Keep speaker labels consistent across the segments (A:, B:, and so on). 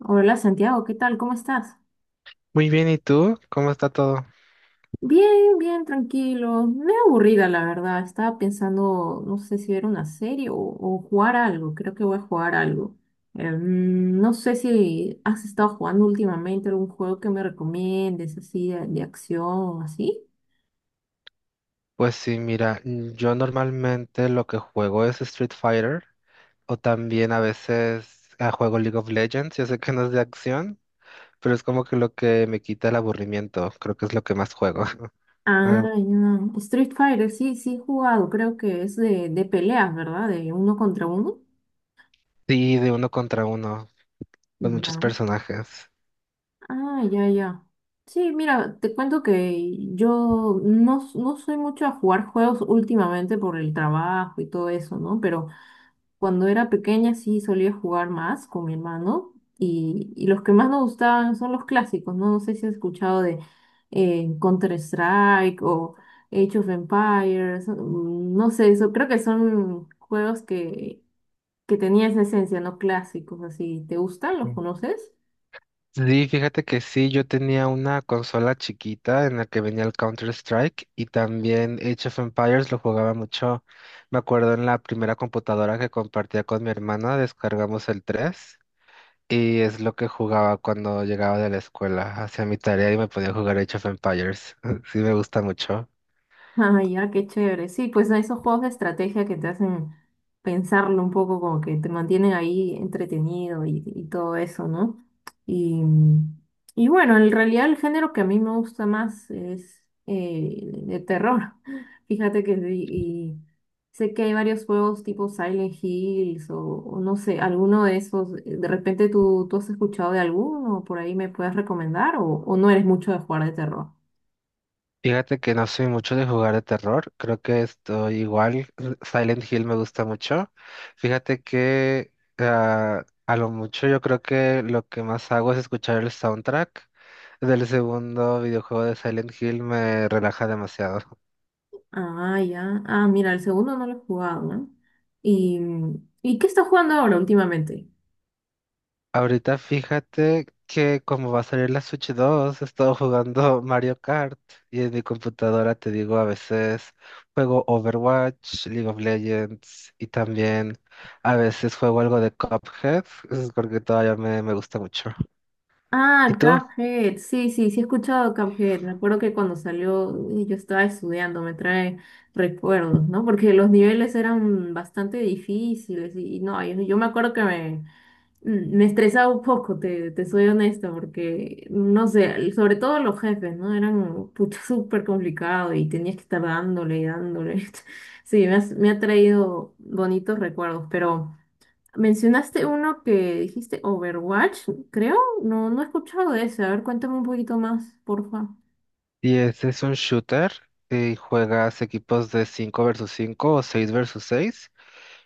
A: Hola Santiago, ¿qué tal? ¿Cómo estás?
B: Muy bien, ¿y tú? ¿Cómo está todo?
A: Bien, bien, tranquilo. Me aburrida, la verdad. Estaba pensando, no sé si ver una serie o jugar algo. Creo que voy a jugar algo. No sé si has estado jugando últimamente algún juego que me recomiendes, así de acción, así.
B: Pues sí, mira, yo normalmente lo que juego es Street Fighter o también a veces juego League of Legends. Yo sé que no es de acción, pero es como que lo que me quita el aburrimiento. Creo que es lo que más juego.
A: Ah,
B: Ah,
A: ya. Street Fighter, sí, sí he jugado. Creo que es de peleas, ¿verdad? De uno contra uno.
B: sí, de uno contra uno, con muchos
A: Ya.
B: personajes.
A: Ah, ya, ya. Sí, mira, te cuento que yo no, s- no soy mucho a jugar juegos últimamente por el trabajo y todo eso, ¿no? Pero cuando era pequeña sí solía jugar más con mi hermano y los que más nos gustaban son los clásicos, ¿no? No sé si has escuchado de Counter-Strike o Age of Empires, no sé, eso creo que son juegos que tenían esa esencia, ¿no? Clásicos, así. ¿Te gustan? ¿Los conoces?
B: Sí, fíjate que sí, yo tenía una consola chiquita en la que venía el Counter-Strike y también Age of Empires lo jugaba mucho. Me acuerdo en la primera computadora que compartía con mi hermana, descargamos el 3 y es lo que jugaba cuando llegaba de la escuela, hacía mi tarea y me podía jugar Age of Empires. Sí, me gusta mucho.
A: Ah, ya, qué chévere. Sí, pues a esos juegos de estrategia que te hacen pensarlo un poco, como que te mantienen ahí entretenido y todo eso, ¿no? Y, y bueno, en realidad el género que a mí me gusta más es de terror. Fíjate que sí, y sé que hay varios juegos tipo Silent Hills o no sé, alguno de esos. ¿De repente tú has escuchado de alguno? ¿Por ahí me puedes recomendar? ¿O no eres mucho de jugar de terror?
B: Fíjate que no soy mucho de jugar de terror, creo que estoy igual, Silent Hill me gusta mucho. Fíjate que a lo mucho yo creo que lo que más hago es escuchar el soundtrack del segundo videojuego de Silent Hill, me relaja demasiado.
A: Ah, ya. Ah, mira, el segundo no lo he jugado, ¿no? ¿Y, ¿Y qué estás jugando ahora últimamente?
B: Ahorita fíjate que como va a salir la Switch 2 he estado jugando Mario Kart y en mi computadora te digo a veces juego Overwatch, League of Legends y también a veces juego algo de Cuphead, es porque todavía me gusta mucho. ¿Y
A: Ah,
B: tú?
A: Cuphead. Sí, sí, sí he escuchado Cuphead. Me acuerdo que cuando salió yo estaba estudiando, me trae recuerdos, ¿no? Porque los niveles eran bastante difíciles y no, yo me acuerdo que me estresaba un poco, te soy honesta, porque, no sé, sobre todo los jefes, ¿no? Eran pucha súper complicado y tenías que estar dándole y dándole. Sí, me ha traído bonitos recuerdos, pero mencionaste uno que dijiste Overwatch, creo. No, no he escuchado de ese. A ver, cuéntame un poquito más, porfa.
B: ¿Y ese es un shooter? ¿Y juegas equipos de 5 versus 5 o 6 versus seis?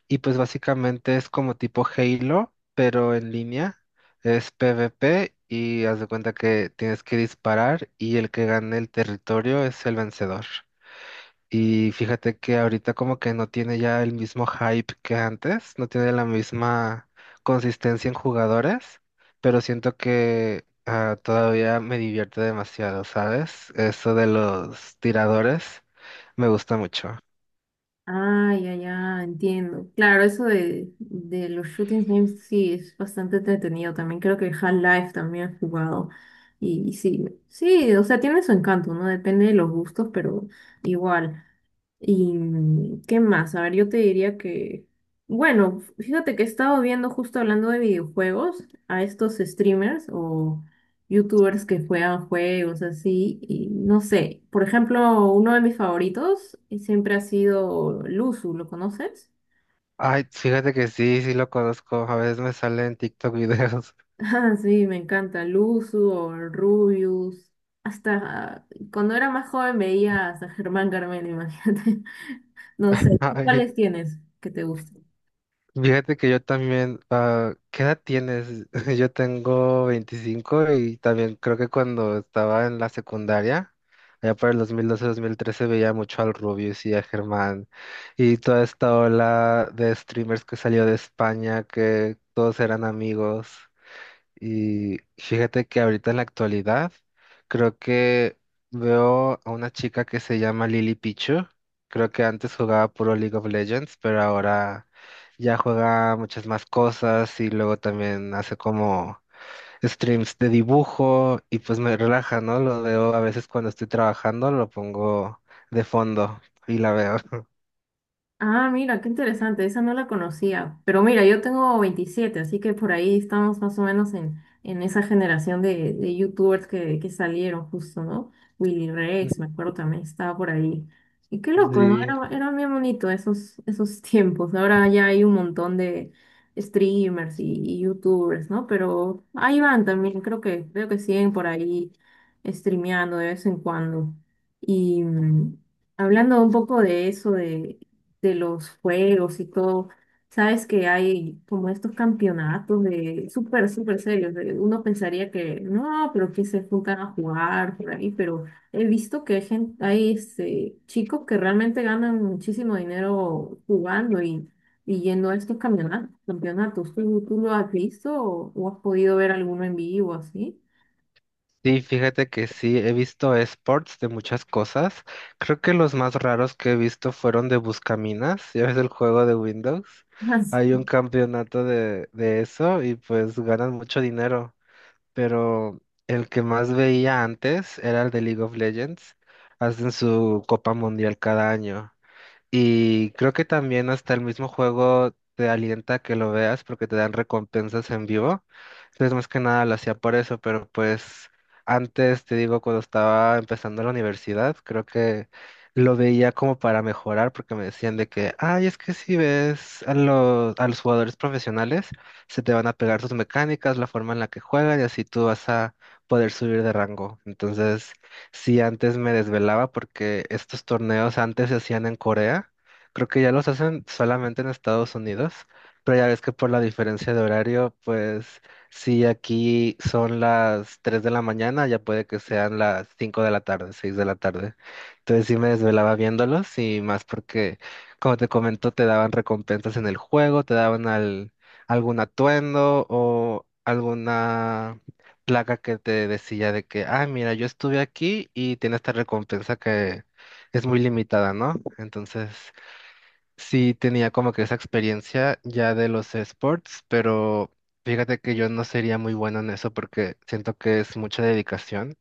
B: Y pues básicamente es como tipo Halo, pero en línea. Es PvP y haz de cuenta que tienes que disparar y el que gane el territorio es el vencedor. Y fíjate que ahorita como que no tiene ya el mismo hype que antes, no tiene la misma consistencia en jugadores, pero siento que todavía me divierte demasiado, ¿sabes? Eso de los tiradores me gusta mucho.
A: Ah, ya, ya, entiendo. Claro, eso de los shooting games sí es bastante entretenido también. Creo que Half-Life también he jugado. Y sí, sí, o sea, tiene su encanto, ¿no? Depende de los gustos, pero igual. ¿Y qué más? A ver, yo te diría que, bueno, fíjate que he estado viendo justo hablando de videojuegos a estos streamers o youtubers que juegan juegos así y no sé, por ejemplo, uno de mis favoritos siempre ha sido Luzu, ¿lo conoces?
B: Ay, fíjate que sí, sí lo conozco. A veces me sale en TikTok videos.
A: Ah, sí, me encanta Luzu o Rubius. Hasta cuando era más joven veía a Germán Carmen, imagínate. No sé, ¿tú
B: Ay,
A: cuáles tienes que te gusten?
B: fíjate que yo también. ¿Qué edad tienes? Yo tengo 25 y también creo que cuando estaba en la secundaria, allá por el dos mil doce, mil trece veía mucho al Rubius y a Germán y toda esta ola de streamers que salió de España, que todos eran amigos. Y fíjate que ahorita en la actualidad creo que veo a una chica que se llama Lily Pichu. Creo que antes jugaba puro League of Legends, pero ahora ya juega muchas más cosas y luego también hace como streams de dibujo y pues me relaja, ¿no? Lo veo a veces cuando estoy trabajando, lo pongo de fondo y la veo.
A: Ah, mira, qué interesante, esa no la conocía. Pero mira, yo tengo 27, así que por ahí estamos más o menos en esa generación de youtubers que salieron justo, ¿no? Willy Rex, me acuerdo también, estaba por ahí. Y qué loco, ¿no?
B: Sí.
A: Era, era bien bonito esos, esos tiempos. Ahora ya hay un montón de streamers y youtubers, ¿no? Pero ahí van también, creo que, veo que siguen por ahí streameando de vez en cuando. Y hablando un poco de eso, de los juegos y todo. Sabes que hay como estos campeonatos de súper, súper serios. Uno pensaría que no, pero que se juntan a jugar por ahí, pero he visto que hay gente, hay este, chicos que realmente ganan muchísimo dinero jugando y yendo a estos campeonatos. ¿Tú lo has visto o has podido ver alguno en vivo así?
B: Sí, fíjate que sí, he visto esports de muchas cosas. Creo que los más raros que he visto fueron de Buscaminas, ya ves el juego de Windows. Hay un
A: Así.
B: campeonato de eso y pues ganan mucho dinero. Pero el que más veía antes era el de League of Legends. Hacen su Copa Mundial cada año. Y creo que también hasta el mismo juego te alienta a que lo veas porque te dan recompensas en vivo. Entonces, más que nada lo hacía por eso, pero pues antes, te digo, cuando estaba empezando la universidad, creo que lo veía como para mejorar porque me decían de que, ay, es que si ves a los jugadores profesionales, se te van a pegar sus mecánicas, la forma en la que juegan y así tú vas a poder subir de rango. Entonces... Sí, antes me desvelaba porque estos torneos antes se hacían en Corea. Creo que ya los hacen solamente en Estados Unidos, pero ya ves que por la diferencia de horario, pues si aquí son las 3 de la mañana, ya puede que sean las 5 de la tarde, 6 de la tarde. Entonces sí me desvelaba viéndolos y más porque, como te comento, te daban recompensas en el juego, te daban algún atuendo o alguna placa que te decía de que, ah, mira, yo estuve aquí y tiene esta recompensa que es muy limitada, ¿no? Entonces, sí tenía como que esa experiencia ya de los esports, pero fíjate que yo no sería muy bueno en eso porque siento que es mucha dedicación.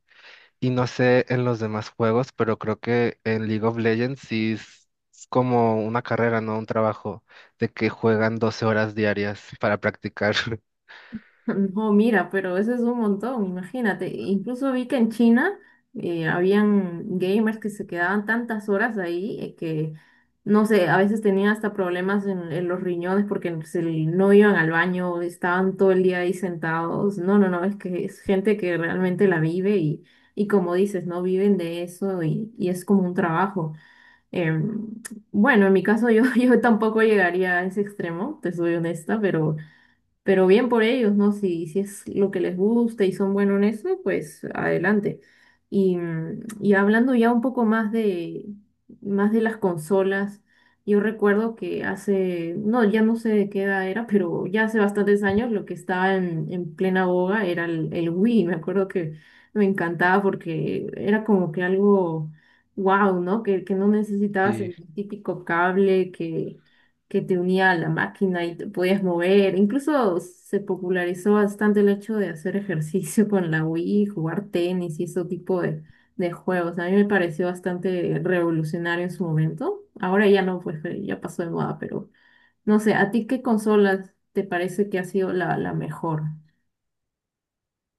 B: Y no sé en los demás juegos, pero creo que en League of Legends sí es como una carrera, ¿no? Un trabajo de que juegan 12 horas diarias para practicar.
A: No, mira, pero eso es un montón, imagínate. Incluso vi que en China habían gamers que se quedaban tantas horas ahí que, no sé, a veces tenían hasta problemas en los riñones porque no iban al baño, estaban todo el día ahí sentados. No, no, no, es que es gente que realmente la vive y como dices, no viven de eso y es como un trabajo. Em, bueno, en mi caso yo, yo tampoco llegaría a ese extremo, te soy honesta, pero bien por ellos, ¿no? Si, si es lo que les gusta y son buenos en eso, pues adelante. Y hablando ya un poco más de las consolas, yo recuerdo que hace, no, ya no sé de qué edad era, pero ya hace bastantes años lo que estaba en plena boga era el Wii. Me acuerdo que me encantaba porque era como que algo wow, ¿no? Que no necesitabas
B: Sí.
A: el típico cable que te unía a la máquina y te podías mover. Incluso se popularizó bastante el hecho de hacer ejercicio con la Wii, jugar tenis y ese tipo de juegos. A mí me pareció bastante revolucionario en su momento. Ahora ya no, pues ya pasó de moda, pero no sé, ¿a ti qué consolas te parece que ha sido la mejor?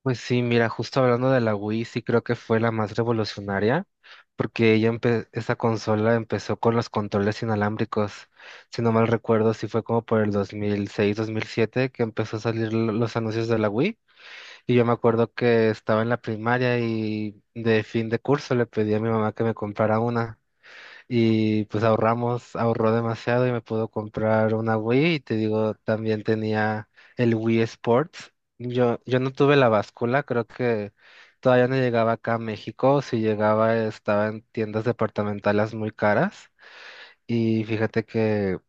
B: Pues sí, mira, justo hablando de la Wii, sí creo que fue la más revolucionaria, porque ella esa consola empezó con los controles inalámbricos. Si no mal recuerdo, sí fue como por el dos mil seis, 2007, que empezó a salir los anuncios de la Wii. Y yo me acuerdo que estaba en la primaria y de fin de curso le pedí a mi mamá que me comprara una. Y pues ahorramos, ahorró demasiado y me pudo comprar una Wii. Y te digo, también tenía el Wii Sports. Yo no tuve la báscula, creo que todavía no llegaba acá a México. Si llegaba, estaba en tiendas departamentales muy caras. Y fíjate que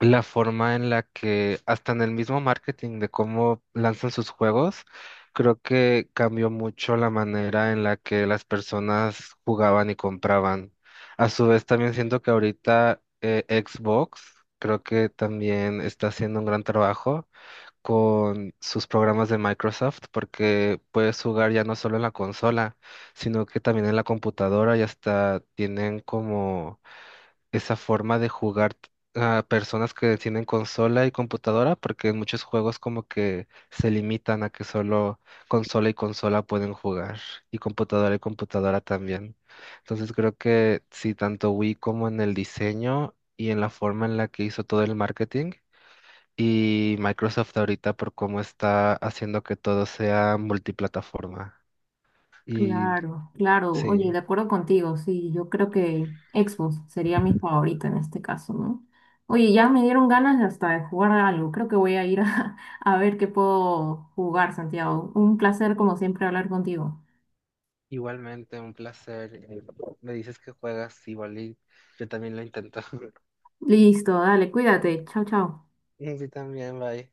B: la forma en la que hasta en el mismo marketing de cómo lanzan sus juegos, creo que cambió mucho la manera en la que las personas jugaban y compraban. A su vez, también siento que ahorita Xbox creo que también está haciendo un gran trabajo con sus programas de Microsoft porque puedes jugar ya no solo en la consola, sino que también en la computadora y hasta tienen como esa forma de jugar a personas que tienen consola y computadora, porque en muchos juegos como que se limitan a que solo consola y consola pueden jugar, y computadora también. Entonces creo que sí, tanto Wii como en el diseño y en la forma en la que hizo todo el marketing, y Microsoft ahorita por cómo está haciendo que todo sea multiplataforma. Y
A: Claro, claro. Oye, de
B: sí.
A: acuerdo contigo, sí, yo creo que Xbox sería mi favorita en este caso, ¿no? Oye, ya me dieron ganas de hasta de jugar algo. Creo que voy a ir a, a ver qué puedo jugar, Santiago. Un placer, como siempre, hablar contigo.
B: Igualmente, un placer. Me dices que juegas igual y yo también lo intento.
A: Listo, dale, cuídate. Chao, chao.
B: Sí, también, bye.